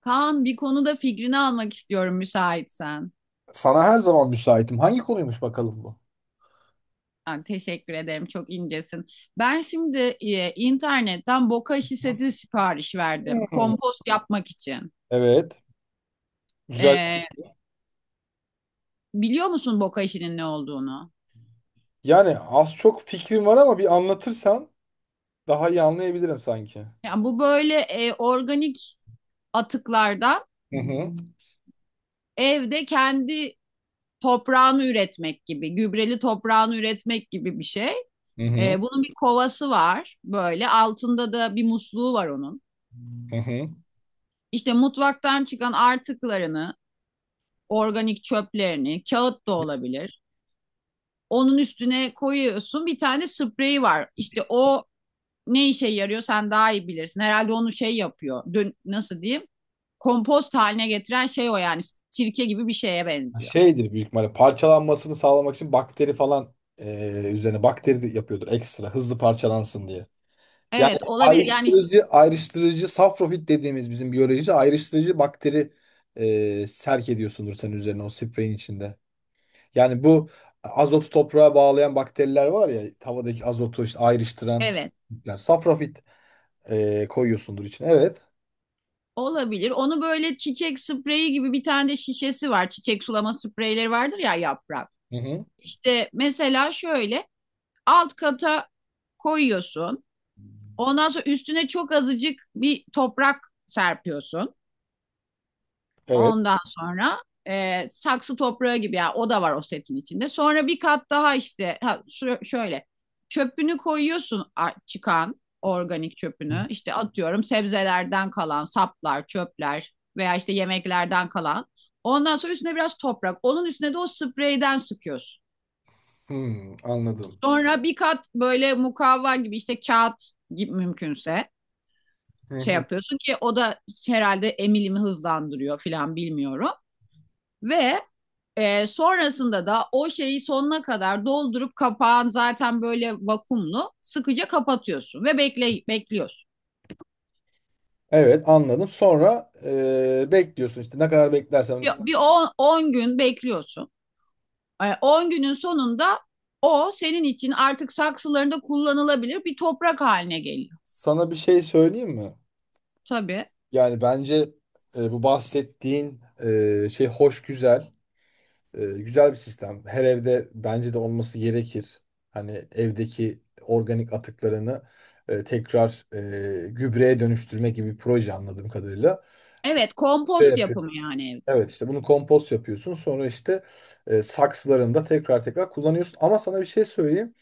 Kaan, bir konuda fikrini almak istiyorum müsaitsen. Sana her zaman müsaitim. Hangi konuymuş bakalım bu? Ha, teşekkür ederim, çok incesin. Ben şimdi internetten boka işi seti sipariş verdim. Hmm, Kompost yapmak için. evet. Güzel. E, Biliyor musun boka işinin ne olduğunu? Yani az çok fikrim var ama bir anlatırsan daha iyi anlayabilirim sanki. Yani bu böyle organik atıklardan Hı hı. evde kendi toprağını üretmek gibi, gübreli toprağını üretmek gibi bir şey. Hı hı. Bunun bir kovası var, böyle altında da bir musluğu var onun. Hı hı. İşte mutfaktan çıkan artıklarını, organik çöplerini, kağıt da olabilir. Onun üstüne koyuyorsun, bir tane spreyi var. İşte o ne işe yarıyor sen daha iyi bilirsin. Herhalde onu şey yapıyor. Dün nasıl diyeyim? Kompost haline getiren şey o yani. Sirke gibi bir şeye benziyor. Şeydir büyük ihtimalle parçalanmasını sağlamak için bakteri falan üzerine bakteri de yapıyordur ekstra hızlı parçalansın diye. Yani Evet olabilir yani ayrıştırıcı safrofit dediğimiz bizim biyolojici ayrıştırıcı bakteri serk ediyorsundur senin üzerine o spreyin içinde. Yani bu azotu toprağa bağlayan bakteriler var ya havadaki azotu işte ayrıştıran evet safrafitler. Safrafit koyuyorsundur içine. Evet. olabilir. Onu böyle çiçek spreyi gibi bir tane de şişesi var. Çiçek sulama spreyleri vardır ya, yaprak. Hı hı. İşte mesela şöyle alt kata koyuyorsun. Ondan sonra üstüne çok azıcık bir toprak serpiyorsun. Evet. Ondan sonra saksı toprağı gibi ya, yani o da var o setin içinde. Sonra bir kat daha işte ha, şöyle çöpünü koyuyorsun, çıkan organik çöpünü. İşte atıyorum, sebzelerden kalan saplar, çöpler veya işte yemeklerden kalan. Ondan sonra üstüne biraz toprak. Onun üstüne de o spreyden sıkıyorsun. Hmm, anladım. Sonra bir kat böyle mukavva gibi işte kağıt gibi mümkünse Hı şey hı. yapıyorsun ki o da herhalde emilimi hızlandırıyor filan, bilmiyorum. Ve sonrasında da o şeyi sonuna kadar doldurup kapağın zaten böyle vakumlu, sıkıca kapatıyorsun ve bekliyorsun. Evet, anladım. Sonra bekliyorsun işte ne kadar beklersen. Bir 10 gün bekliyorsun. 10 günün sonunda o senin için artık saksılarında kullanılabilir bir toprak haline geliyor. Sana bir şey söyleyeyim mi? Tabii. Yani bence bu bahsettiğin şey hoş güzel. E, güzel bir sistem. Her evde bence de olması gerekir. Hani evdeki organik atıklarını tekrar gübreye dönüştürme gibi bir proje anladığım kadarıyla. Evet, Ve kompost yapıyorsun. yapımı yani evde. Evet, işte bunu kompost yapıyorsun. Sonra işte saksılarında tekrar tekrar kullanıyorsun. Ama sana bir şey söyleyeyim.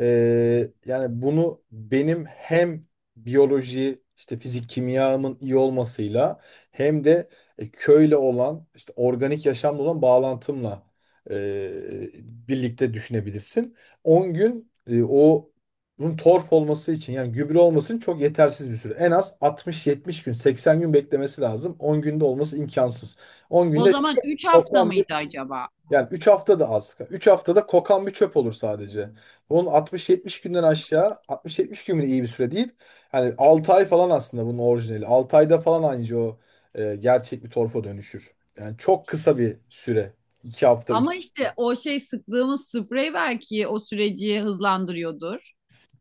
Yani bunu benim hem biyoloji işte fizik kimyamın iyi olmasıyla hem de köyle olan işte organik yaşamla olan bağlantımla e, birlikte düşünebilirsin. 10 gün o bunun torf olması için yani gübre olması için çok yetersiz bir süre. En az 60-70 gün 80 gün beklemesi lazım. 10 günde olması imkansız. 10 O günde zaman 3 hafta toplam, mıydı acaba? yani 3 hafta da az. 3 haftada kokan bir çöp olur sadece. Bunun 60, 70 günden aşağı 60, 70 gün bile iyi bir süre değil. Yani 6 ay falan aslında bunun orijinali. 6 ayda falan anca o gerçek bir torfa dönüşür. Yani çok kısa bir süre. 2 hafta 3. Ama işte o şey sıktığımız sprey belki o süreci hızlandırıyordur.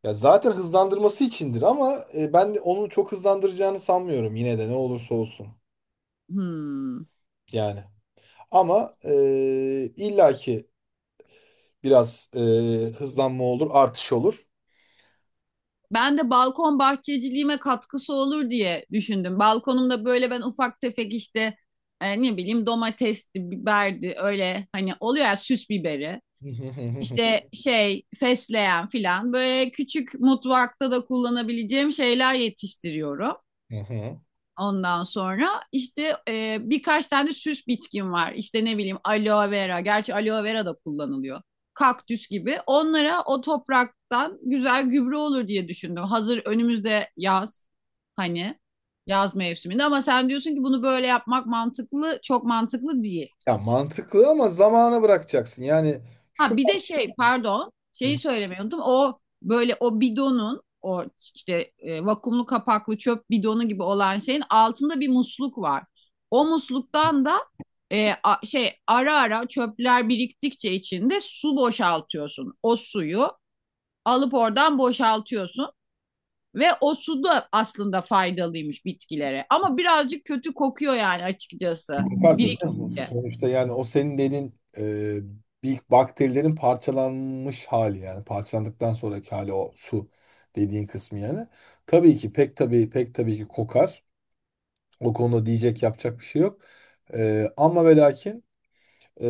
Ya zaten hızlandırması içindir ama ben de onu çok hızlandıracağını sanmıyorum yine de ne olursa olsun. Hmm. Yani ama illaki biraz hızlanma olur, artış olur. Ben de balkon bahçeciliğime katkısı olur diye düşündüm. Balkonumda böyle ben ufak tefek işte ne bileyim domatesti, biberdi, öyle hani oluyor ya süs biberi. Hı hı hı hı İşte şey fesleğen filan, böyle küçük mutfakta da kullanabileceğim şeyler yetiştiriyorum. hı hı. Ondan sonra işte birkaç tane süs bitkin var. İşte ne bileyim, aloe vera. Gerçi aloe vera da kullanılıyor. Kaktüs gibi. Onlara o topraktan güzel gübre olur diye düşündüm. Hazır önümüzde yaz. Hani yaz mevsiminde, ama sen diyorsun ki bunu böyle yapmak mantıklı, çok mantıklı değil. Ya mantıklı ama zamana bırakacaksın. Yani şu Ha, bir de şey, pardon, Hı hı. şeyi söylemeyi unuttum. O böyle o bidonun o işte vakumlu kapaklı çöp bidonu gibi olan şeyin altında bir musluk var. O musluktan da şey, ara ara çöpler biriktikçe içinde su, boşaltıyorsun. O suyu alıp oradan boşaltıyorsun ve o su da aslında faydalıymış bitkilere. Ama birazcık kötü kokuyor yani, açıkçası Var tabii ama biriktikçe. sonuçta yani o senin dediğin bir bakterilerin parçalanmış hali, yani parçalandıktan sonraki hali o su dediğin kısmı yani. Tabii ki, pek tabii, pek tabii ki kokar. O konuda diyecek yapacak bir şey yok. E, ama ve lakin ee,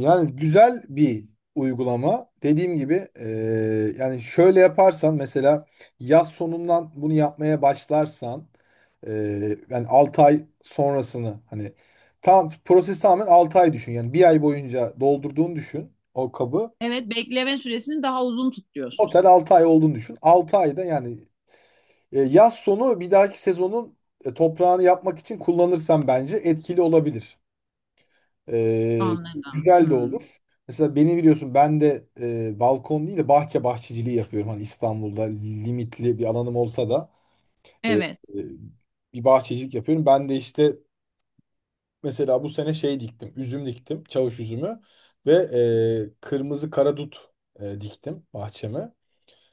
yani güzel bir uygulama. Dediğim gibi yani şöyle yaparsan, mesela yaz sonundan bunu yapmaya başlarsan, e, yani 6 ay sonrasını, hani tam proses tamamen 6 ay düşün. Yani bir ay boyunca doldurduğunu düşün o kabı. Evet, bekleme süresini daha uzun tutuyorsun Total sen. 6 ay olduğunu düşün. 6 ayda, yani yaz sonu bir dahaki sezonun toprağını yapmak için kullanırsan bence etkili olabilir. Ee, Anladım. Güzel de Hmm. olur. Mesela beni biliyorsun, ben de balkon değil de bahçeciliği yapıyorum. Hani İstanbul'da limitli bir alanım olsa da e, e, Evet. bir bahçecilik yapıyorum. Ben de işte mesela bu sene şey diktim. Üzüm diktim. Çavuş üzümü ve kırmızı karadut diktim bahçeme.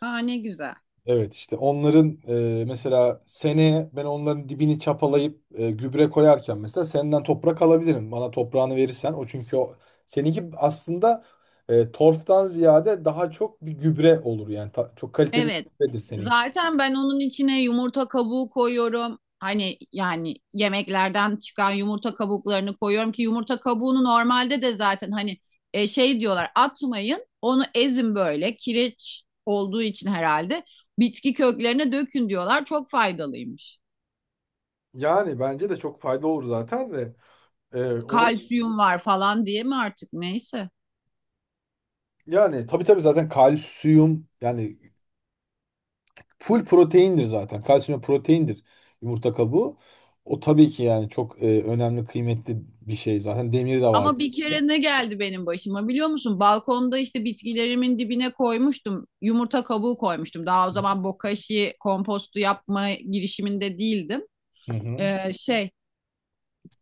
Aa, ne güzel. Evet, işte onların mesela seneye ben onların dibini çapalayıp gübre koyarken mesela senden toprak alabilirim. Bana toprağını verirsen, o çünkü o seninki aslında torftan ziyade daha çok bir gübre olur yani ta- çok kaliteli bir Evet. gübredir seninki. Zaten ben onun içine yumurta kabuğu koyuyorum. Hani yani yemeklerden çıkan yumurta kabuklarını koyuyorum, ki yumurta kabuğunu normalde de zaten hani şey diyorlar, atmayın onu, ezin, böyle kireç olduğu için herhalde bitki köklerine dökün diyorlar, çok faydalıymış. Yani bence de çok fayda olur zaten de Evet. onu Kalsiyum var falan diye mi artık, neyse. yani tabii tabii zaten kalsiyum, yani full proteindir zaten. Kalsiyum proteindir, yumurta kabuğu. O tabii ki, yani çok önemli, kıymetli bir şey zaten, demiri de var. Ama bir kere ne geldi benim başıma biliyor musun? Balkonda işte bitkilerimin dibine koymuştum. Yumurta kabuğu koymuştum. Daha o zaman bokashi kompostu yapma girişiminde değildim. Hı hı. Şey,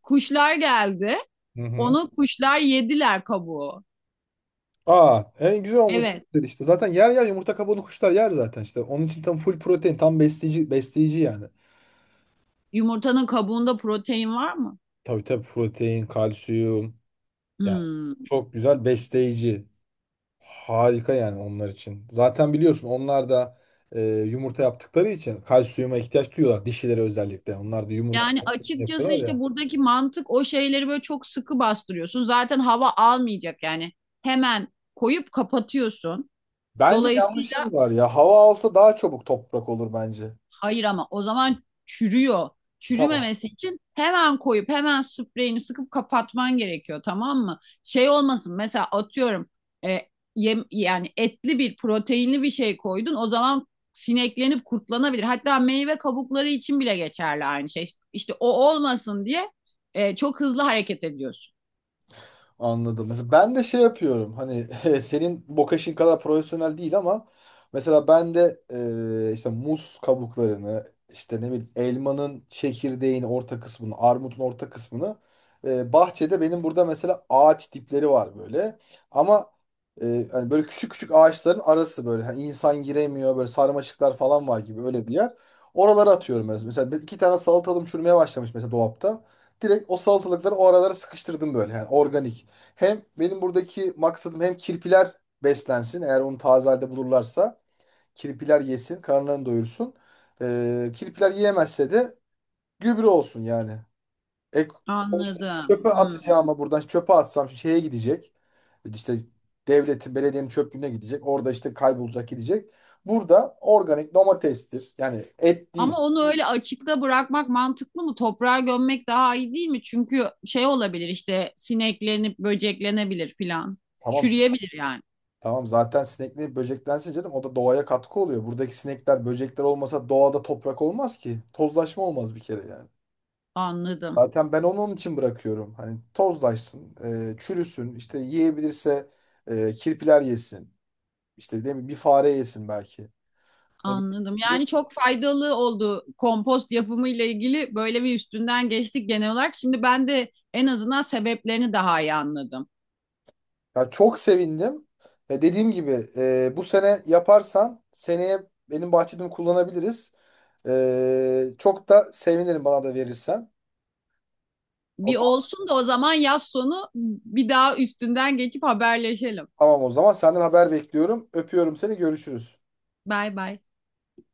kuşlar geldi. Hı hı. Onu kuşlar yediler, kabuğu. Aa, en güzel olmuş Evet. dedi işte. Zaten yer yer yumurta kabuğunu kuşlar yer zaten işte. Onun için tam full protein, tam besleyici yani. Yumurtanın kabuğunda protein var mı? Tabii tabii, protein, kalsiyum yani Hmm. çok güzel besleyici. Harika yani onlar için. Zaten biliyorsun onlar da yumurta yaptıkları için kalsiyuma ihtiyaç duyuyorlar, dişileri özellikle. Onlar da yumurta Yani açıkçası yapıyorlar işte ya. buradaki mantık, o şeyleri böyle çok sıkı bastırıyorsun. Zaten hava almayacak yani. Hemen koyup kapatıyorsun. Bence Dolayısıyla yanlışın var ya. Hava alsa daha çabuk toprak olur bence. hayır, ama o zaman çürüyor. Tamam. Çürümemesi için hemen koyup hemen spreyini sıkıp kapatman gerekiyor, tamam mı? Şey olmasın, mesela atıyorum e, yem, yani etli bir, proteinli bir şey koydun, o zaman sineklenip kurtlanabilir. Hatta meyve kabukları için bile geçerli aynı şey. İşte o olmasın diye çok hızlı hareket ediyorsun. Anladım. Mesela ben de şey yapıyorum. Hani senin bokaşin kadar profesyonel değil ama mesela ben de işte muz kabuklarını, işte ne bileyim elmanın çekirdeğin orta kısmını, armutun orta kısmını, bahçede benim burada mesela ağaç dipleri var böyle. Ama hani böyle küçük küçük ağaçların arası, böyle hani insan giremiyor, böyle sarmaşıklar falan var gibi öyle bir yer. Oralara atıyorum mesela. Mesela iki tane salatalım çürümeye başlamış mesela dolapta, direkt o salatalıkları o aralara sıkıştırdım böyle. Yani organik. Hem benim buradaki maksadım hem kirpiler beslensin. Eğer onu taze halde bulurlarsa kirpiler yesin, karınlarını doyursun. Kirpiler yiyemezse de gübre olsun yani. E, sonuçta Anladım. çöpe Hmm. atacağıma buradan çöpe atsam şeye gidecek. İşte devletin, belediyenin çöplüğüne gidecek. Orada işte kaybolacak, gidecek. Burada organik domatestir. Yani et değil. Ama onu öyle açıkta bırakmak mantıklı mı? Toprağa gömmek daha iyi değil mi? Çünkü şey olabilir işte, sineklenip böceklenebilir filan. Tamam. Çürüyebilir yani. Tamam zaten sinekli böceklense canım, o da doğaya katkı oluyor. Buradaki sinekler, böcekler olmasa doğada toprak olmaz ki. Tozlaşma olmaz bir kere yani. Anladım. Zaten ben onu onun için bırakıyorum. Hani tozlaşsın, çürüsün, işte yiyebilirse kirpiler yesin. İşte değil mi? Bir fare yesin belki. Hani bir- Anladım. bir- Yani çok faydalı oldu, kompost yapımı ile ilgili böyle bir üstünden geçtik genel olarak. Şimdi ben de en azından sebeplerini daha iyi anladım. Ya, çok sevindim. E, dediğim gibi bu sene yaparsan seneye benim bahçemi kullanabiliriz. E, çok da sevinirim bana da verirsen. O Bir zaman olsun da o zaman yaz sonu bir daha üstünden geçip haberleşelim. Tamam o zaman senden haber bekliyorum. Öpüyorum seni. Görüşürüz. Bay bay.